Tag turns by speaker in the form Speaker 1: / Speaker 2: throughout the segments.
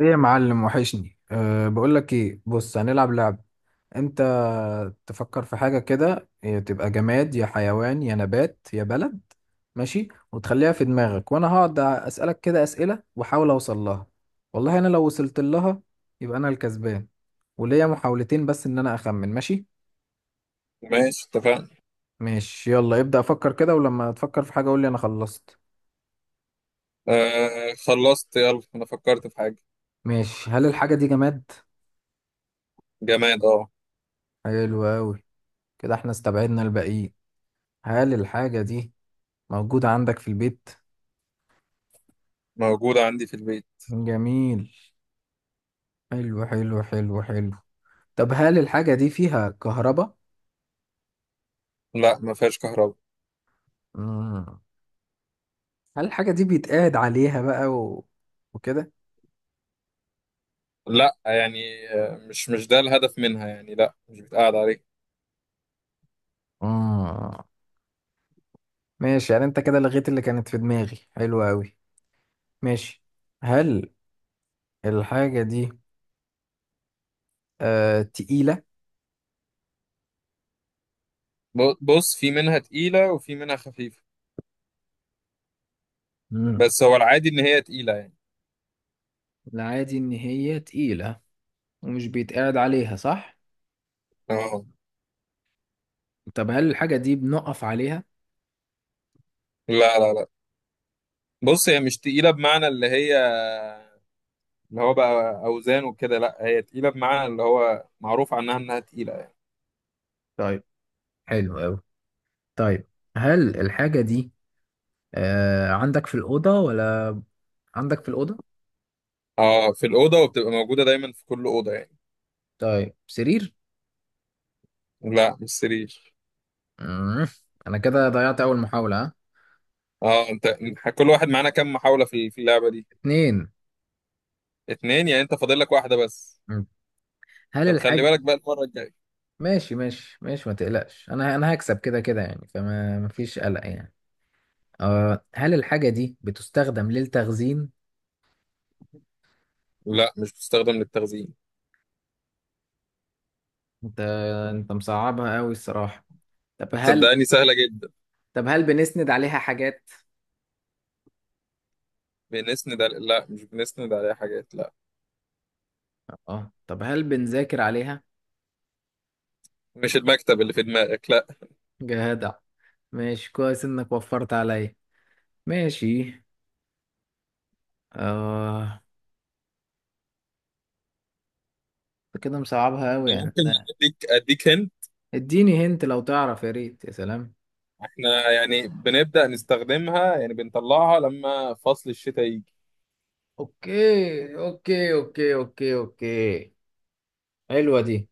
Speaker 1: ايه يا معلم وحشني. بقول لك ايه. بص، هنلعب لعب. انت تفكر في حاجه كده إيه، تبقى جماد يا حيوان يا نبات يا بلد. ماشي، وتخليها في دماغك وانا هقعد اسالك كده اسئله واحاول اوصل لها. والله انا لو وصلت لها يبقى انا الكسبان، وليا محاولتين بس ان انا اخمن. ماشي.
Speaker 2: ماشي، اتفقنا.
Speaker 1: ماشي يلا ابدا افكر كده، ولما تفكر في حاجه قول لي انا خلصت.
Speaker 2: آه، خلصت. يلا انا فكرت في حاجة.
Speaker 1: ماشي. هل الحاجه دي جماد؟
Speaker 2: جماد، اه.
Speaker 1: حلو قوي. كده احنا استبعدنا الباقيين. هل الحاجه دي موجود عندك في البيت؟
Speaker 2: موجودة عندي في البيت.
Speaker 1: جميل. حلو حلو حلو حلو. طب هل الحاجة دي فيها كهرباء؟
Speaker 2: لا، ما فيهاش كهرباء.
Speaker 1: مم. هل الحاجة دي بيتقعد عليها بقى وكده؟
Speaker 2: لا يعني آه، مش ده الهدف منها يعني، لا مش بتقعد عليه.
Speaker 1: مم. ماشي، يعني انت كده لغيت اللي كانت في دماغي، حلو أوي. ماشي. هل الحاجة دي تقيلة؟
Speaker 2: بص في منها تقيلة وفي منها خفيفة،
Speaker 1: مم.
Speaker 2: بس هو العادي ان هي تقيلة يعني.
Speaker 1: العادي إن هي تقيلة ومش بيتقعد عليها، صح؟
Speaker 2: اه.
Speaker 1: طب هل الحاجة دي بنقف عليها؟
Speaker 2: لا لا لا، بص هي مش تقيلة بمعنى اللي هي اللي هو بقى اوزان وكده، لا هي تقيلة بمعنى اللي هو معروف عنها انها تقيلة يعني.
Speaker 1: طيب، حلو أوي. طيب هل الحاجة دي عندك في الأوضة ولا عندك في الأوضة؟
Speaker 2: اه، في الأوضة وبتبقى موجودة دايما في كل أوضة يعني.
Speaker 1: طيب، سرير؟
Speaker 2: لا مش سرير.
Speaker 1: مم. أنا كده ضيعت أول محاولة. ها،
Speaker 2: اه انت، كل واحد معانا كام محاولة في اللعبة دي؟
Speaker 1: اتنين.
Speaker 2: اتنين؟ يعني انت فاضل لك واحدة بس.
Speaker 1: مم. هل
Speaker 2: طب خلي
Speaker 1: الحاجة
Speaker 2: بالك بقى المرة الجاية.
Speaker 1: ماشي ماشي ماشي، ما تقلقش. أنا هكسب كده كده يعني، فما مفيش قلق يعني. هل الحاجة دي بتستخدم للتخزين؟
Speaker 2: لا مش بتستخدم للتخزين.
Speaker 1: أنت أنت مصعبها أوي الصراحة. طب هل
Speaker 2: صدقني سهلة جدا.
Speaker 1: طب هل بنسند عليها حاجات؟
Speaker 2: بنسند على... لا مش بنسند عليها حاجات، لا.
Speaker 1: اه. طب هل بنذاكر عليها؟
Speaker 2: مش المكتب اللي في دماغك، لا.
Speaker 1: جدع. ماشي، كويس إنك وفرت عليا. ماشي. آه انت كده مصعبها قوي يعني.
Speaker 2: ممكن اديك هن.
Speaker 1: اديني هنت لو تعرف، يا ريت يا سلام.
Speaker 2: احنا يعني بنبدأ نستخدمها، يعني بنطلعها لما فصل الشتاء يجي.
Speaker 1: اوكي اوكي اوكي اوكي اوكي، حلوة دي.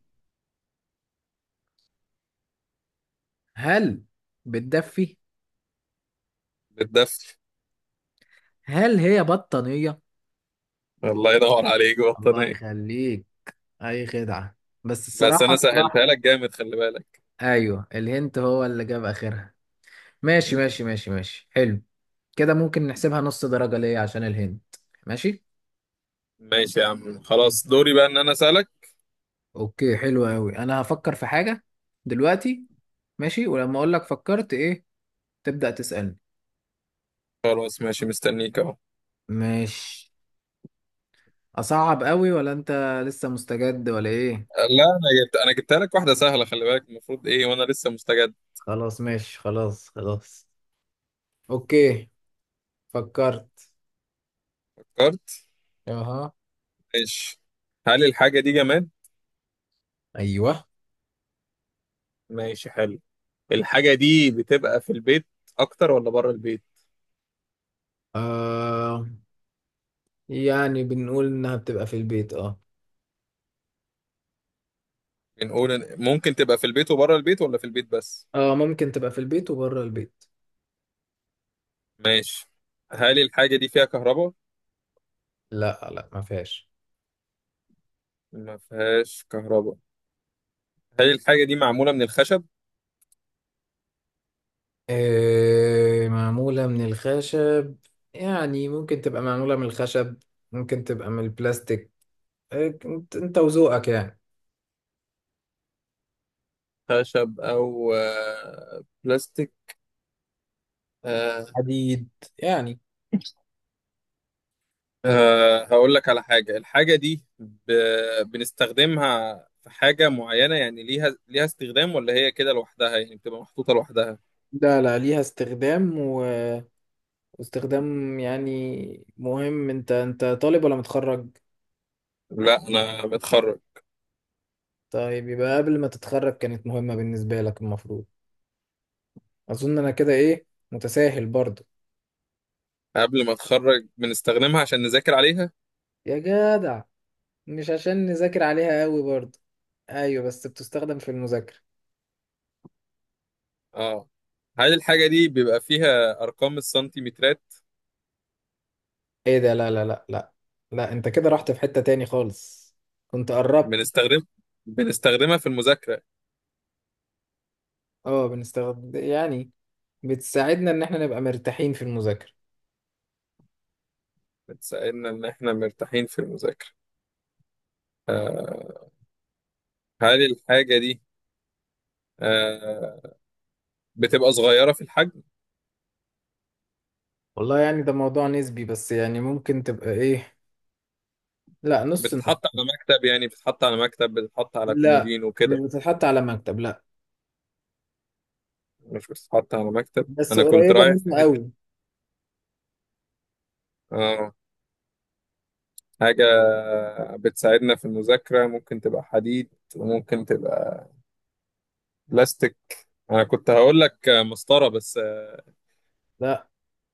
Speaker 1: هل بتدفي؟
Speaker 2: بالدفء.
Speaker 1: هل هي بطانية؟
Speaker 2: الله ينور عليك،
Speaker 1: الله
Speaker 2: بطانية.
Speaker 1: يخليك. اي خدعة. بس
Speaker 2: بس
Speaker 1: الصراحة
Speaker 2: انا سهلتها
Speaker 1: الصراحة
Speaker 2: لك جامد، خلي بالك.
Speaker 1: ايوه، الهنت هو اللي جاب اخرها. ماشي ماشي ماشي ماشي، حلو. كده ممكن نحسبها نص درجة ليه عشان الهنت. ماشي.
Speaker 2: ماشي يا عم،
Speaker 1: ماشي.
Speaker 2: خلاص دوري بقى ان انا اسألك.
Speaker 1: اوكي، حلو قوي. انا هفكر في حاجة دلوقتي. ماشي، ولما اقول لك فكرت ايه تبدأ تسألني.
Speaker 2: خلاص ماشي، مستنيك اهو.
Speaker 1: مش اصعب قوي ولا انت لسه مستجد ولا ايه؟
Speaker 2: لا، انا جبتها لك واحده سهله، خلي بالك المفروض ايه وانا لسه مستجد.
Speaker 1: خلاص ماشي، خلاص خلاص. اوكي. فكرت.
Speaker 2: فكرت.
Speaker 1: اها.
Speaker 2: ماشي. هل الحاجه دي جماد؟
Speaker 1: ايوه.
Speaker 2: ماشي حلو. الحاجه دي بتبقى في البيت اكتر ولا بره البيت؟
Speaker 1: آه يعني بنقول انها بتبقى في البيت، اه.
Speaker 2: ممكن تبقى في البيت وبره البيت ولا في البيت بس؟
Speaker 1: اه، ممكن تبقى في البيت وبره البيت.
Speaker 2: ماشي. هل الحاجه دي فيها كهرباء؟
Speaker 1: لا لا، ما فيهاش.
Speaker 2: ما فيهاش كهرباء. هل الحاجه دي معموله من الخشب؟
Speaker 1: معمولة من الخشب، يعني ممكن تبقى معمولة من الخشب، ممكن تبقى من البلاستيك. إنت وذوقك يعني.
Speaker 2: خشب او آه، بلاستيك.
Speaker 1: حديد يعني.
Speaker 2: أه هقول لك على حاجة، الحاجة دي ب... بنستخدمها في حاجة معينة يعني، ليها ليها استخدام ولا هي كده لوحدها يعني بتبقى محطوطة لوحدها؟
Speaker 1: لا لا، ليها استخدام. واستخدام يعني مهم. انت طالب ولا متخرج؟
Speaker 2: لا أنا بتخرج.
Speaker 1: طيب، يبقى قبل ما تتخرج كانت مهمة بالنسبة لك المفروض. اظن انا كده ايه، متساهل برضو.
Speaker 2: قبل ما أتخرج بنستخدمها عشان نذاكر عليها.
Speaker 1: يا جدع. مش عشان نذاكر عليها قوي برضو؟ ايوه بس بتستخدم في المذاكرة.
Speaker 2: اه. هل الحاجة دي بيبقى فيها أرقام السنتيمترات؟
Speaker 1: ايه ده، لا لا لا لا لا. انت كده رحت في حتة تاني خالص. كنت قربت.
Speaker 2: بنستخدم بنستخدمها في المذاكرة.
Speaker 1: اه، بنستخدم يعني. بتساعدنا ان احنا نبقى مرتاحين في المذاكرة.
Speaker 2: بتساعدنا إن إحنا مرتاحين في المذاكرة. أه. هل الحاجة دي أه بتبقى صغيرة في الحجم؟
Speaker 1: والله يعني ده موضوع نسبي، بس يعني ممكن تبقى ايه. لا، نص نص.
Speaker 2: بتتحط على مكتب، يعني بتتحط على مكتب، بتتحط على
Speaker 1: لا،
Speaker 2: كومودين
Speaker 1: مش
Speaker 2: وكده.
Speaker 1: بتتحط على مكتب، لا.
Speaker 2: مش بتتحط على مكتب،
Speaker 1: بس
Speaker 2: انا كنت
Speaker 1: قريبة
Speaker 2: رايح في
Speaker 1: منه
Speaker 2: حته.
Speaker 1: قوي.
Speaker 2: اه. حاجه بتساعدنا في المذاكره، ممكن تبقى حديد وممكن تبقى بلاستيك. انا كنت هقول لك مسطره بس.
Speaker 1: لا،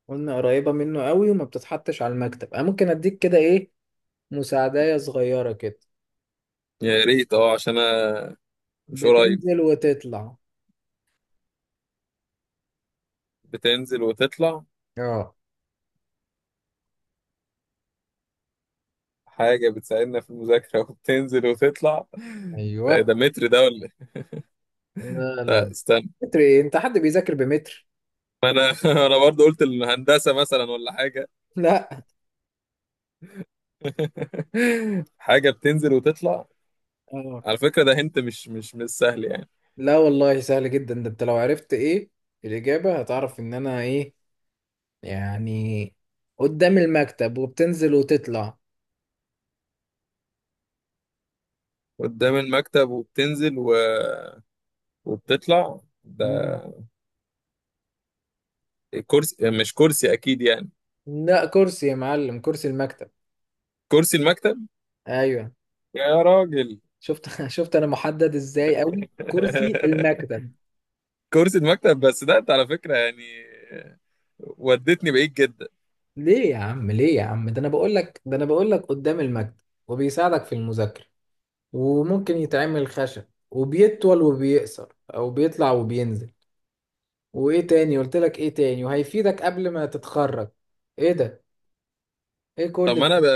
Speaker 1: قلنا قريبة منه قوي وما بتتحطش على المكتب. انا ممكن اديك كده ايه، مساعدة صغيرة كده.
Speaker 2: يا ريت اه، عشان انا مش قريب.
Speaker 1: بتنزل وتطلع.
Speaker 2: بتنزل وتطلع.
Speaker 1: اه.
Speaker 2: حاجه بتساعدنا في المذاكره وبتنزل وتطلع. ده
Speaker 1: ايوه.
Speaker 2: ده متر ده ولا إيه؟
Speaker 1: لا لا
Speaker 2: لا
Speaker 1: لا.
Speaker 2: استنى.
Speaker 1: متر ايه، انت حد بيذاكر بمتر؟
Speaker 2: ما انا انا برضه قلت الهندسه مثلا ولا حاجه.
Speaker 1: لا.
Speaker 2: حاجة بتنزل وتطلع.
Speaker 1: اه،
Speaker 2: على فكرة ده هنت مش سهل يعني.
Speaker 1: لا والله سهل جدا. ده انت لو عرفت ايه الاجابة هتعرف ان انا ايه يعني. قدام المكتب وبتنزل وتطلع.
Speaker 2: قدام المكتب وبتنزل و... وبتطلع
Speaker 1: مم.
Speaker 2: ده. كرسي، مش كرسي أكيد يعني.
Speaker 1: لا، كرسي يا معلم، كرسي المكتب.
Speaker 2: كرسي المكتب.
Speaker 1: ايوه.
Speaker 2: يا راجل.
Speaker 1: شفت شفت انا محدد ازاي قوي كرسي المكتب.
Speaker 2: كرسي المكتب بس، ده انت على فكرة يعني ودتني بعيد جدا.
Speaker 1: ليه يا عم، ليه يا عم. ده انا بقول لك، ده انا بقول لك قدام المكتب وبيساعدك في المذاكرة وممكن يتعمل خشب وبيطول وبيقصر او بيطلع وبينزل، وايه تاني قلت لك ايه تاني وهيفيدك قبل ما تتخرج. ايه ده، ايه كل
Speaker 2: طب ما انا ب...
Speaker 1: ده.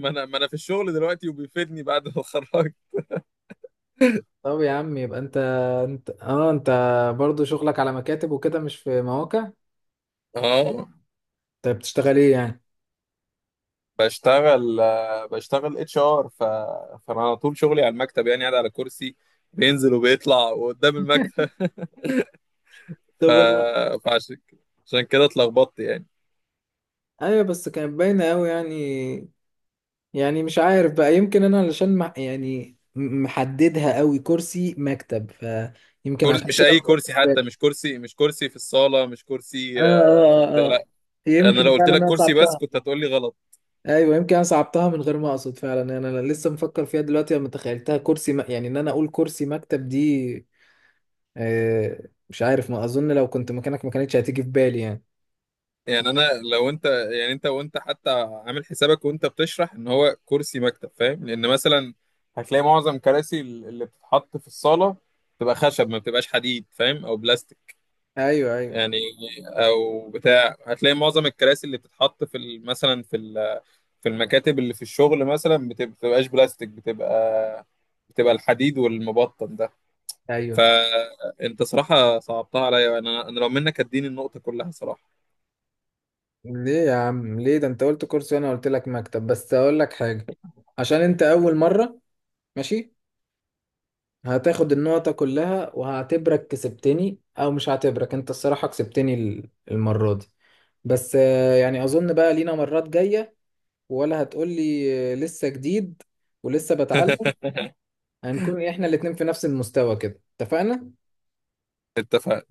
Speaker 2: ما انا في الشغل دلوقتي وبيفيدني بعد ما اتخرجت.
Speaker 1: طب يا عم، يبقى انت. انت برضو شغلك على مكاتب وكده مش في مواقع.
Speaker 2: اه.
Speaker 1: طيب بتشتغل ايه يعني؟
Speaker 2: بشتغل آه، بشتغل اتش ار ف... فانا على طول شغلي على المكتب، يعني قاعد على كرسي بينزل وبيطلع وقدام المكتب. ف...
Speaker 1: طب انا.
Speaker 2: فعشان عشان كده اتلخبطت يعني.
Speaker 1: ايوه بس كانت باينه قوي يعني مش عارف بقى، يمكن انا علشان مع يعني محددها قوي كرسي مكتب، فيمكن
Speaker 2: كرسي،
Speaker 1: عشان
Speaker 2: مش
Speaker 1: كده ما
Speaker 2: اي
Speaker 1: جاتش
Speaker 2: كرسي،
Speaker 1: في
Speaker 2: حتى
Speaker 1: بالي.
Speaker 2: مش كرسي، مش كرسي في الصاله، مش
Speaker 1: اه
Speaker 2: كرسي آه، في
Speaker 1: اه
Speaker 2: البتاع،
Speaker 1: اه
Speaker 2: لا.
Speaker 1: آه.
Speaker 2: انا لو
Speaker 1: يمكن
Speaker 2: قلت
Speaker 1: فعلا
Speaker 2: لك
Speaker 1: انا
Speaker 2: كرسي بس
Speaker 1: صعبتها.
Speaker 2: كنت هتقول لي غلط.
Speaker 1: ايوه، يمكن انا صعبتها من غير ما اقصد فعلا. أنا لسه مفكر فيها دلوقتي لما تخيلتها كرسي يعني ان انا اقول كرسي مكتب دي. مش عارف، ما اظن لو كنت مكانك ما كانتش هتيجي في بالي يعني.
Speaker 2: يعني انا لو انت، يعني انت وانت حتى عامل حسابك وانت بتشرح ان هو كرسي مكتب، فاهم؟ لان مثلا هتلاقي معظم كراسي اللي بتتحط في الصاله بتبقى خشب، ما بتبقاش حديد، فاهم، او بلاستيك
Speaker 1: ايوه ايوه
Speaker 2: يعني. او بتاع، هتلاقي معظم الكراسي اللي بتتحط في مثلا في في المكاتب اللي في الشغل مثلا بتبقاش بلاستيك، بتبقى الحديد والمبطن ده.
Speaker 1: ايوه.
Speaker 2: فانت صراحة صعبتها عليا، انا لو منك اديني النقطة كلها صراحة.
Speaker 1: ليه يا عم، ليه. ده انت قلت كرسي وانا قلت لك مكتب. بس اقول لك حاجه، عشان انت اول مره، ماشي، هتاخد النقطة كلها وهعتبرك كسبتني، أو مش هعتبرك أنت الصراحة كسبتني المرة دي. بس يعني أظن بقى لينا مرات جاية، ولا هتقولي لسه جديد ولسه بتعلم. هنكون إحنا الاتنين في نفس المستوى كده، اتفقنا؟
Speaker 2: اتفقنا.